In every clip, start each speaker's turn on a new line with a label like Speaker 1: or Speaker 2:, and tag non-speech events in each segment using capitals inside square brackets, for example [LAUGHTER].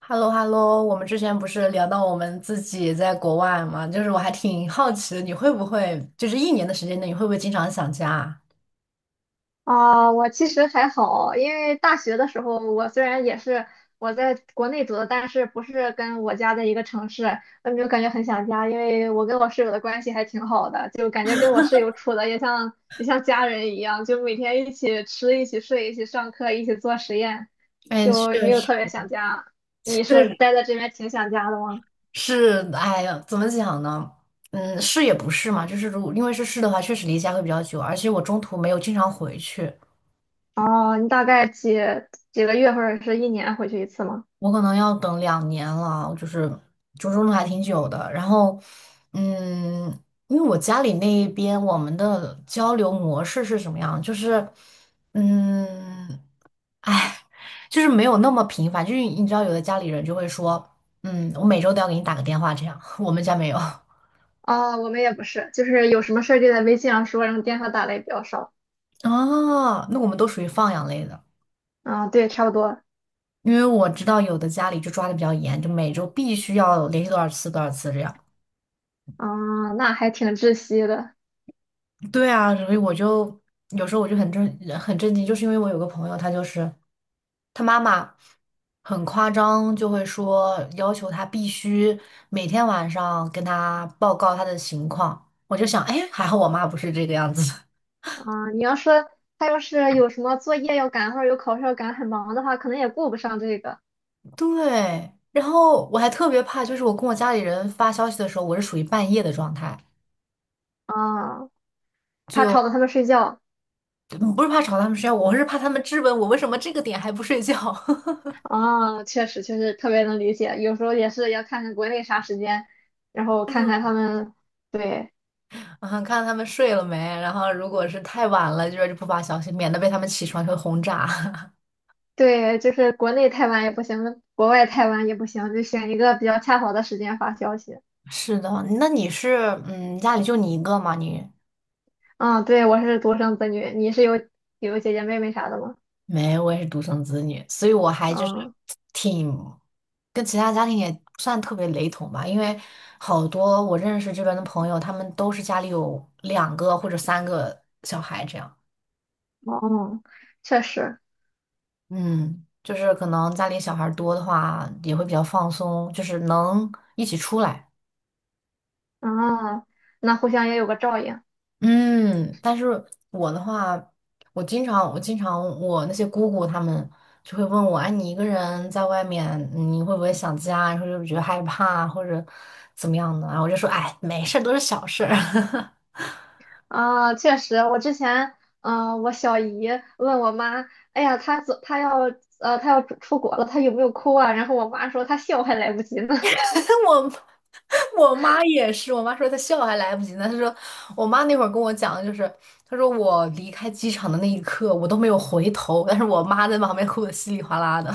Speaker 1: h e l l o h e l l o 我们之前不是聊到我们自己在国外嘛，就是我还挺好奇的，你会不会就是一年的时间内，你会不会经常想家啊？
Speaker 2: 啊，我其实还好，因为大学的时候，我虽然也是在国内读的，但是不是跟我家在一个城市，我就感觉很想家，因为我跟我室友的关系还挺好的，就感觉跟我室友处的也像家人一样，就每天一起吃、一起睡、一起上课、一起做实验，
Speaker 1: 哎，确
Speaker 2: 就没有
Speaker 1: 实。
Speaker 2: 特别想家。
Speaker 1: [LAUGHS] 确
Speaker 2: 你是待在这边挺想家的吗？
Speaker 1: 实，哎呀，怎么讲呢？嗯，是也不是嘛，就是如果因为是的话，确实离家会比较久，而且我中途没有经常回去。
Speaker 2: 哦，你大概几个月或者是一年回去一次吗？
Speaker 1: 我可能要等两年了，就是折中的还挺久的。然后，嗯，因为我家里那一边我们的交流模式是什么样？就是，嗯，哎，就是没有那么频繁。就是你知道，有的家里人就会说，嗯，我每周都要给你打个电话这样。[LAUGHS] 我们家没有啊，
Speaker 2: 哦，我们也不是，就是有什么事儿就在微信上说，然后电话打的也比较少。
Speaker 1: 那我们都属于放养类的，
Speaker 2: 嗯，对，差不多。
Speaker 1: 因为我知道有的家里就抓的比较严，就每周必须要联系多少次多少次这样。
Speaker 2: 嗯，那还挺窒息的。
Speaker 1: 对啊，所以我就有时候我就很震惊，就是因为我有个朋友，他就是他妈妈很夸张，就会说要求他必须每天晚上跟他报告他的情况。我就想，哎，还好我妈不是这个样子。
Speaker 2: 嗯，你要说他要是有什么作业要赶或者有考试要赶，很忙的话，可能也顾不上这个。
Speaker 1: [LAUGHS] 对，然后我还特别怕，就是我跟我家里人发消息的时候，我是属于半夜的状态，
Speaker 2: 啊、怕吵到他们睡觉。
Speaker 1: 嗯，不是怕吵他们睡觉，我是怕他们质问我为什么这个点还不睡觉。
Speaker 2: 啊、确实，确实特别能理解。有时候也是要看看国内啥时间，然后看看
Speaker 1: [LAUGHS]
Speaker 2: 他们。对
Speaker 1: 啊，看他们睡了没，然后如果是太晚了，就是不发消息，免得被他们起床会轰炸。
Speaker 2: 对，就是国内太晚也不行，国外太晚也不行，就选一个比较恰好的时间发消息。
Speaker 1: [LAUGHS] 是的，那你是嗯，家里就你一个吗？你
Speaker 2: 嗯，对，我是独生子女，你是有姐姐妹妹啥的吗？
Speaker 1: 没，我也是独生子女，所以我还就是
Speaker 2: 嗯，
Speaker 1: 挺跟其他家庭也不算特别雷同吧，因为好多我认识这边的朋友，他们都是家里有两个或者三个小孩这样。
Speaker 2: 哦，确实，
Speaker 1: 嗯，就是可能家里小孩儿多的话，也会比较放松，就是能一起出来。
Speaker 2: 啊，那互相也有个照应
Speaker 1: 嗯，但是我的话，我经常，我那些姑姑她们就会问我，哎，你一个人在外面，你会不会想家？然或者觉得害怕，或者怎么样的？然后我就说，哎，没事儿，都是小事儿。
Speaker 2: 啊，确实，我之前，我小姨问我妈，哎呀，她走，她要，她要出国了，她有没有哭啊？然后我妈说她笑还来不及呢。
Speaker 1: [LAUGHS] 我我妈也是，我妈说她笑还来不及呢。她说，我妈那会儿跟我讲的就是，她说我离开机场的那一刻，我都没有回头，但是我妈在旁边哭的稀里哗啦的。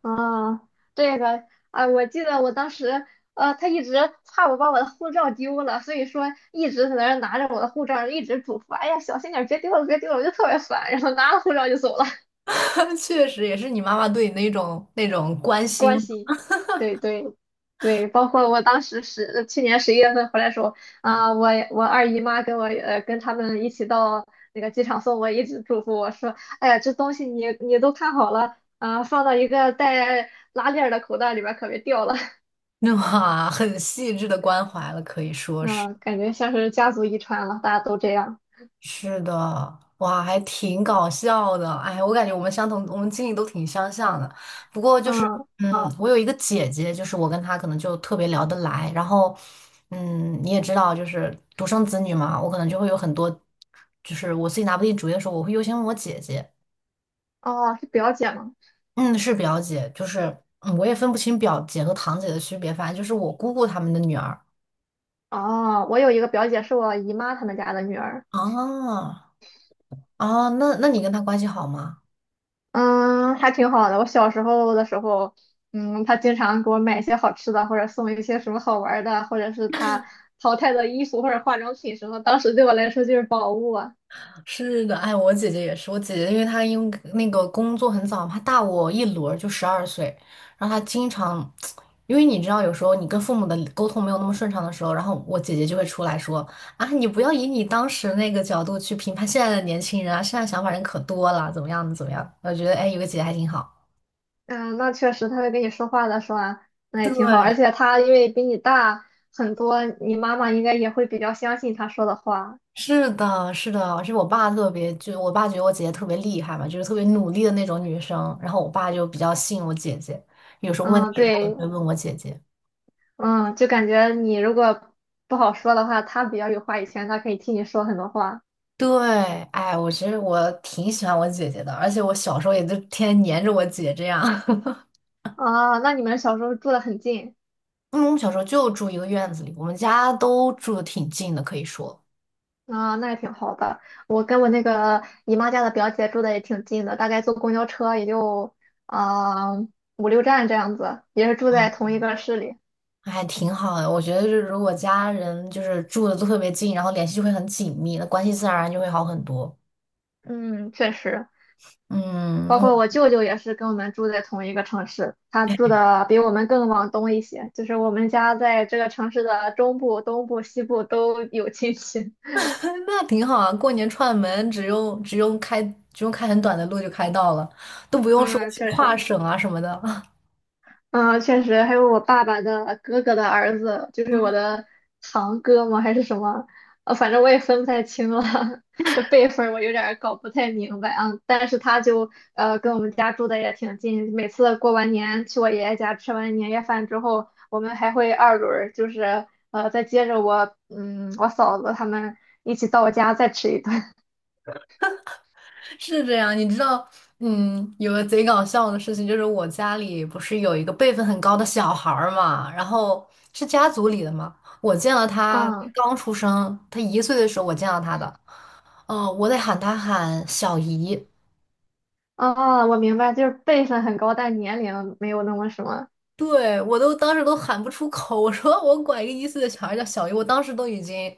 Speaker 2: 啊，这个啊，我记得我当时，他一直怕我把我的护照丢了，所以说一直在那儿拿着我的护照，一直嘱咐，哎呀，小心点儿，别丢了，别丢了，我就特别烦，然后拿了护照就走了，
Speaker 1: [LAUGHS] 确实，也是你妈妈对你那种关
Speaker 2: [LAUGHS]
Speaker 1: 心。
Speaker 2: 关心，对对对，包括我当时去年十一月份回来的时候，啊、我二姨妈跟我跟他们一起到那个机场送我，一直嘱咐我说，哎呀，这东西你都看好了啊、放到一个带拉链儿的口袋里边儿，可别掉了。
Speaker 1: [LAUGHS] 哇，很细致的关怀了，可以说是
Speaker 2: 嗯，感觉像是家族遗传了，大家都这样。
Speaker 1: 是的，哇，还挺搞笑的。哎，我感觉我们相同，我们经历都挺相像的。不过就是，
Speaker 2: 嗯，
Speaker 1: 嗯，我有一个姐姐，就是我跟她可能就特别聊得来。然后，嗯，你也知道，就是独生子女嘛，我可能就会有很多，就是我自己拿不定主意的时候，我会优先问我姐姐。
Speaker 2: 哦，是表姐吗？
Speaker 1: 嗯，是表姐，就是嗯，我也分不清表姐和堂姐的区别，反正就是我姑姑她们的女儿。
Speaker 2: 哦，我有一个表姐是我姨妈他们家的女儿，
Speaker 1: 啊，啊，那你跟她关系好吗？
Speaker 2: 嗯，还挺好的。我小时候的时候，嗯，她经常给我买一些好吃的，或者送一些什么好玩儿的，或者是她淘汰的衣服或者化妆品什么，当时对我来说就是宝物啊。
Speaker 1: 是的，哎，我姐姐也是，我姐姐因为那个工作很早，她大我一轮儿就12岁，然后她经常，[TSK] 因为你知道，有时候你跟父母的沟通没有那么顺畅的时候，然后我姐姐就会出来说啊，你不要以你当时那个角度去评判现在的年轻人啊，现在想法人可多了，怎么样怎么样？我觉得哎，有个姐姐还挺好。
Speaker 2: 嗯，那确实，她会跟你说话的时候啊，那也挺好。而
Speaker 1: 对，
Speaker 2: 且她因为比你大很多，你妈妈应该也会比较相信她说的话。
Speaker 1: 是的，是的，而且我爸特别，就我爸觉得我姐姐特别厉害嘛，就是特别努力的那种女生，然后我爸就比较信我姐姐，有什么问
Speaker 2: 嗯，
Speaker 1: 题他也
Speaker 2: 对，
Speaker 1: 会问我姐姐。
Speaker 2: 嗯，就感觉你如果不好说的话，他比较有话语权，他可以替你说很多话
Speaker 1: 对，哎，我其实我挺喜欢我姐姐的，而且我小时候也就天天黏着我姐这样。[LAUGHS]
Speaker 2: 啊。那你们小时候住得很近
Speaker 1: 因为我们小时候就住一个院子里，我们家都住的挺近的，可以说，
Speaker 2: 啊，那也挺好的。我跟我那个姨妈家的表姐住的也挺近的，大概坐公交车也就啊五六站这样子，也是住在
Speaker 1: 嗯，
Speaker 2: 同一个市里。
Speaker 1: 还挺好的。我觉得就是如果家人就是住的都特别近，然后联系就会很紧密，那关系自然而然就会好很多。
Speaker 2: 嗯，确实，包
Speaker 1: 嗯，我。
Speaker 2: 括我舅舅也是跟我们住在同一个城市，他住的比我们更往东一些，就是我们家在这个城市的中部、东部、西部都有亲戚。
Speaker 1: [LAUGHS] 那挺好啊，过年串门只用开很短的路就开到了，都不
Speaker 2: [LAUGHS]
Speaker 1: 用说
Speaker 2: 嗯，
Speaker 1: 去
Speaker 2: 确
Speaker 1: 跨
Speaker 2: 实。
Speaker 1: 省啊什么的。[LAUGHS]
Speaker 2: 嗯，确实，还有我爸爸的哥哥的儿子，就是我的堂哥吗？还是什么？反正我也分不太清了，[LAUGHS] 这辈分儿我有点儿搞不太明白啊。但是他就跟我们家住的也挺近，每次过完年去我爷爷家吃完年夜饭之后，我们还会二轮儿就是再接着我我嫂子他们一起到我家再吃一顿。[LAUGHS]
Speaker 1: 是这样，你知道，嗯，有个贼搞笑的事情，就是我家里不是有一个辈分很高的小孩儿嘛，然后是家族里的嘛，我见了他
Speaker 2: 嗯，
Speaker 1: 刚出生，他一岁的时候我见到他的，我得喊他喊小姨，
Speaker 2: 哦，我明白，就是辈分很高，但年龄没有那么什么。
Speaker 1: 对，我都当时都喊不出口，我说我管一个一岁的小孩叫小姨，我当时都已经，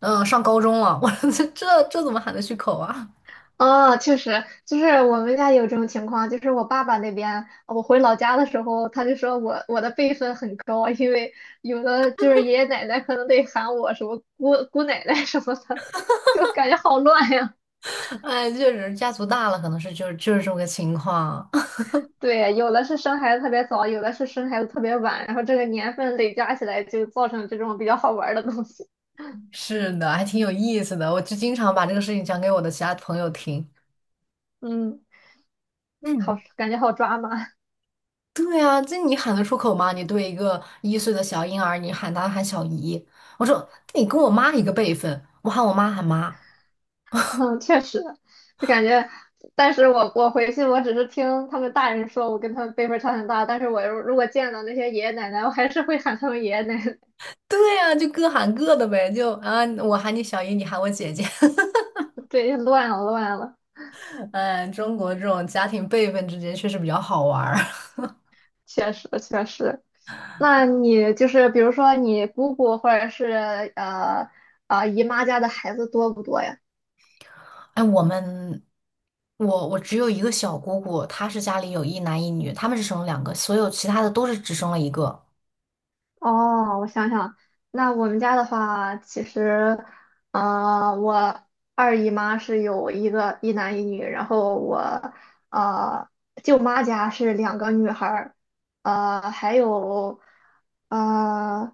Speaker 1: 上高中了，我说这怎么喊得出口啊？
Speaker 2: 哦，确实，就是我们家有这种情况，就是我爸爸那边，我回老家的时候，他就说我的辈分很高啊，因为有的就是爷爷奶奶可能得喊我什么姑姑奶奶 [LAUGHS] 什么的，就感觉好乱呀。
Speaker 1: [LAUGHS] 哎，确实家族大了，可能是就是这么个情况。
Speaker 2: [LAUGHS] 对，有的是生孩子特别早，有的是生孩子特别晚，然后这个年份累加起来就造成这种比较好玩儿的东西。
Speaker 1: 是的，还挺有意思的。我就经常把这个事情讲给我的其他朋友听。
Speaker 2: 嗯，好，
Speaker 1: 嗯，
Speaker 2: 感觉好抓马。
Speaker 1: 对啊，这你喊得出口吗？你对一个一岁的小婴儿，你喊他喊小姨，我说你跟我妈一个辈分，我喊我妈喊妈。
Speaker 2: [LAUGHS] 嗯，确实，就感觉，但是我回去，我只是听他们大人说，我跟他们辈分差很大，但是我如果见到那些爷爷奶奶，我还是会喊他们爷爷奶奶。
Speaker 1: 对啊，就各喊各的呗，就啊，我喊你小姨，你喊我姐姐。[LAUGHS]
Speaker 2: [LAUGHS] 对，乱了乱了，
Speaker 1: 嗯，中国这种家庭辈分之间确实比较好玩儿。
Speaker 2: 确实确实。那你就是比如说你姑姑或者是呃姨妈家的孩子多不多呀？
Speaker 1: [LAUGHS] 哎，我们，我只有一个小姑姑，她是家里有一男一女，他们是生了两个，所有其他的都是只生了一个。
Speaker 2: 哦，我想想，那我们家的话，其实，我二姨妈是有一个一男一女，然后我呃舅妈家是两个女孩儿，还有，呃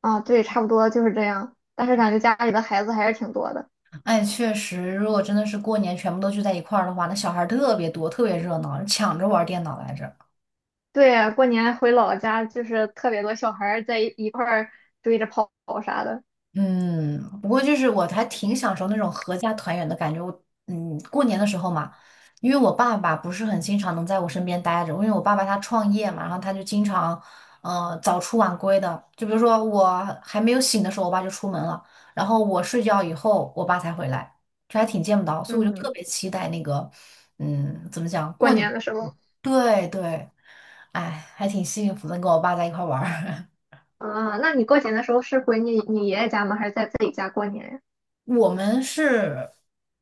Speaker 2: 对，差不多就是这样。但是感觉家里的孩子还是挺多的。
Speaker 1: 哎，确实，如果真的是过年全部都聚在一块儿的话，那小孩儿特别多，特别热闹，抢着玩儿电脑来着。
Speaker 2: 对，过年回老家就是特别多小孩儿在一块儿追着跑啥的。
Speaker 1: 嗯，不过就是我还挺享受那种合家团圆的感觉。我嗯，过年的时候嘛，因为我爸爸不是很经常能在我身边待着，因为我爸爸他创业嘛，然后他就经常早出晚归的。就比如说我还没有醒的时候，我爸就出门了，然后我睡觉以后，我爸才回来，就还挺见不到，所以我就特
Speaker 2: 嗯，
Speaker 1: 别期待那个嗯，怎么讲
Speaker 2: 过
Speaker 1: 过年。
Speaker 2: 年的时候。
Speaker 1: 对对，哎，还挺幸福的，跟我爸在一块儿玩儿。
Speaker 2: 啊，那你过年的时候是回你爷爷家吗？还是在自己家过年呀？
Speaker 1: [LAUGHS] 我们是，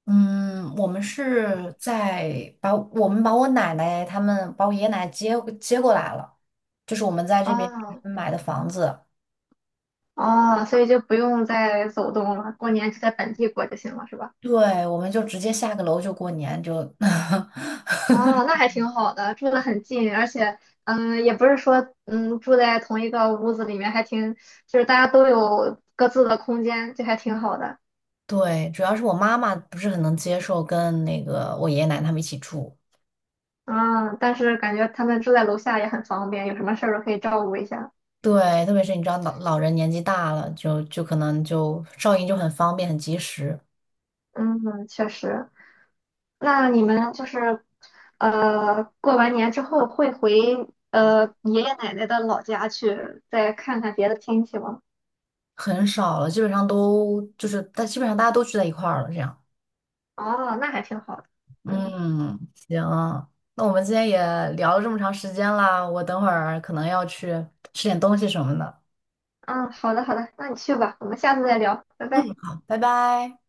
Speaker 1: 嗯，我们是在把我们把我奶奶他们把我爷爷奶奶接接过来了，就是我们在这边
Speaker 2: 哦
Speaker 1: 买的房子。
Speaker 2: 哦，所以就不用再走动了，过年就在本地过就行了，是吧？
Speaker 1: 对，我们就直接下个楼就过年就。[LAUGHS]
Speaker 2: 哦，那还挺好的，住得很近，而且嗯，也不是说嗯住在同一个屋子里面，还挺就是大家都有各自的空间，就还挺好的。
Speaker 1: 对，主要是我妈妈不是很能接受跟那个我爷爷奶奶他们一起住。
Speaker 2: 嗯，但是感觉他们住在楼下也很方便，有什么事儿都可以照顾一下。
Speaker 1: 对，特别是你知道老人年纪大了，就可能就照应就很方便很及时。
Speaker 2: 嗯，确实。那你们就是，过完年之后会回爷爷奶奶的老家去，再看看别的亲戚吗？
Speaker 1: 很少了，基本上都就是大，基本上大家都聚在一块儿了，这样。
Speaker 2: 哦，那还挺好的。嗯
Speaker 1: 嗯，行，那我们今天也聊了这么长时间啦，我等会儿可能要去吃点东西什么的。
Speaker 2: 嗯，好的好的，那你去吧，我们下次再聊，拜
Speaker 1: 嗯，
Speaker 2: 拜。
Speaker 1: 好，拜拜。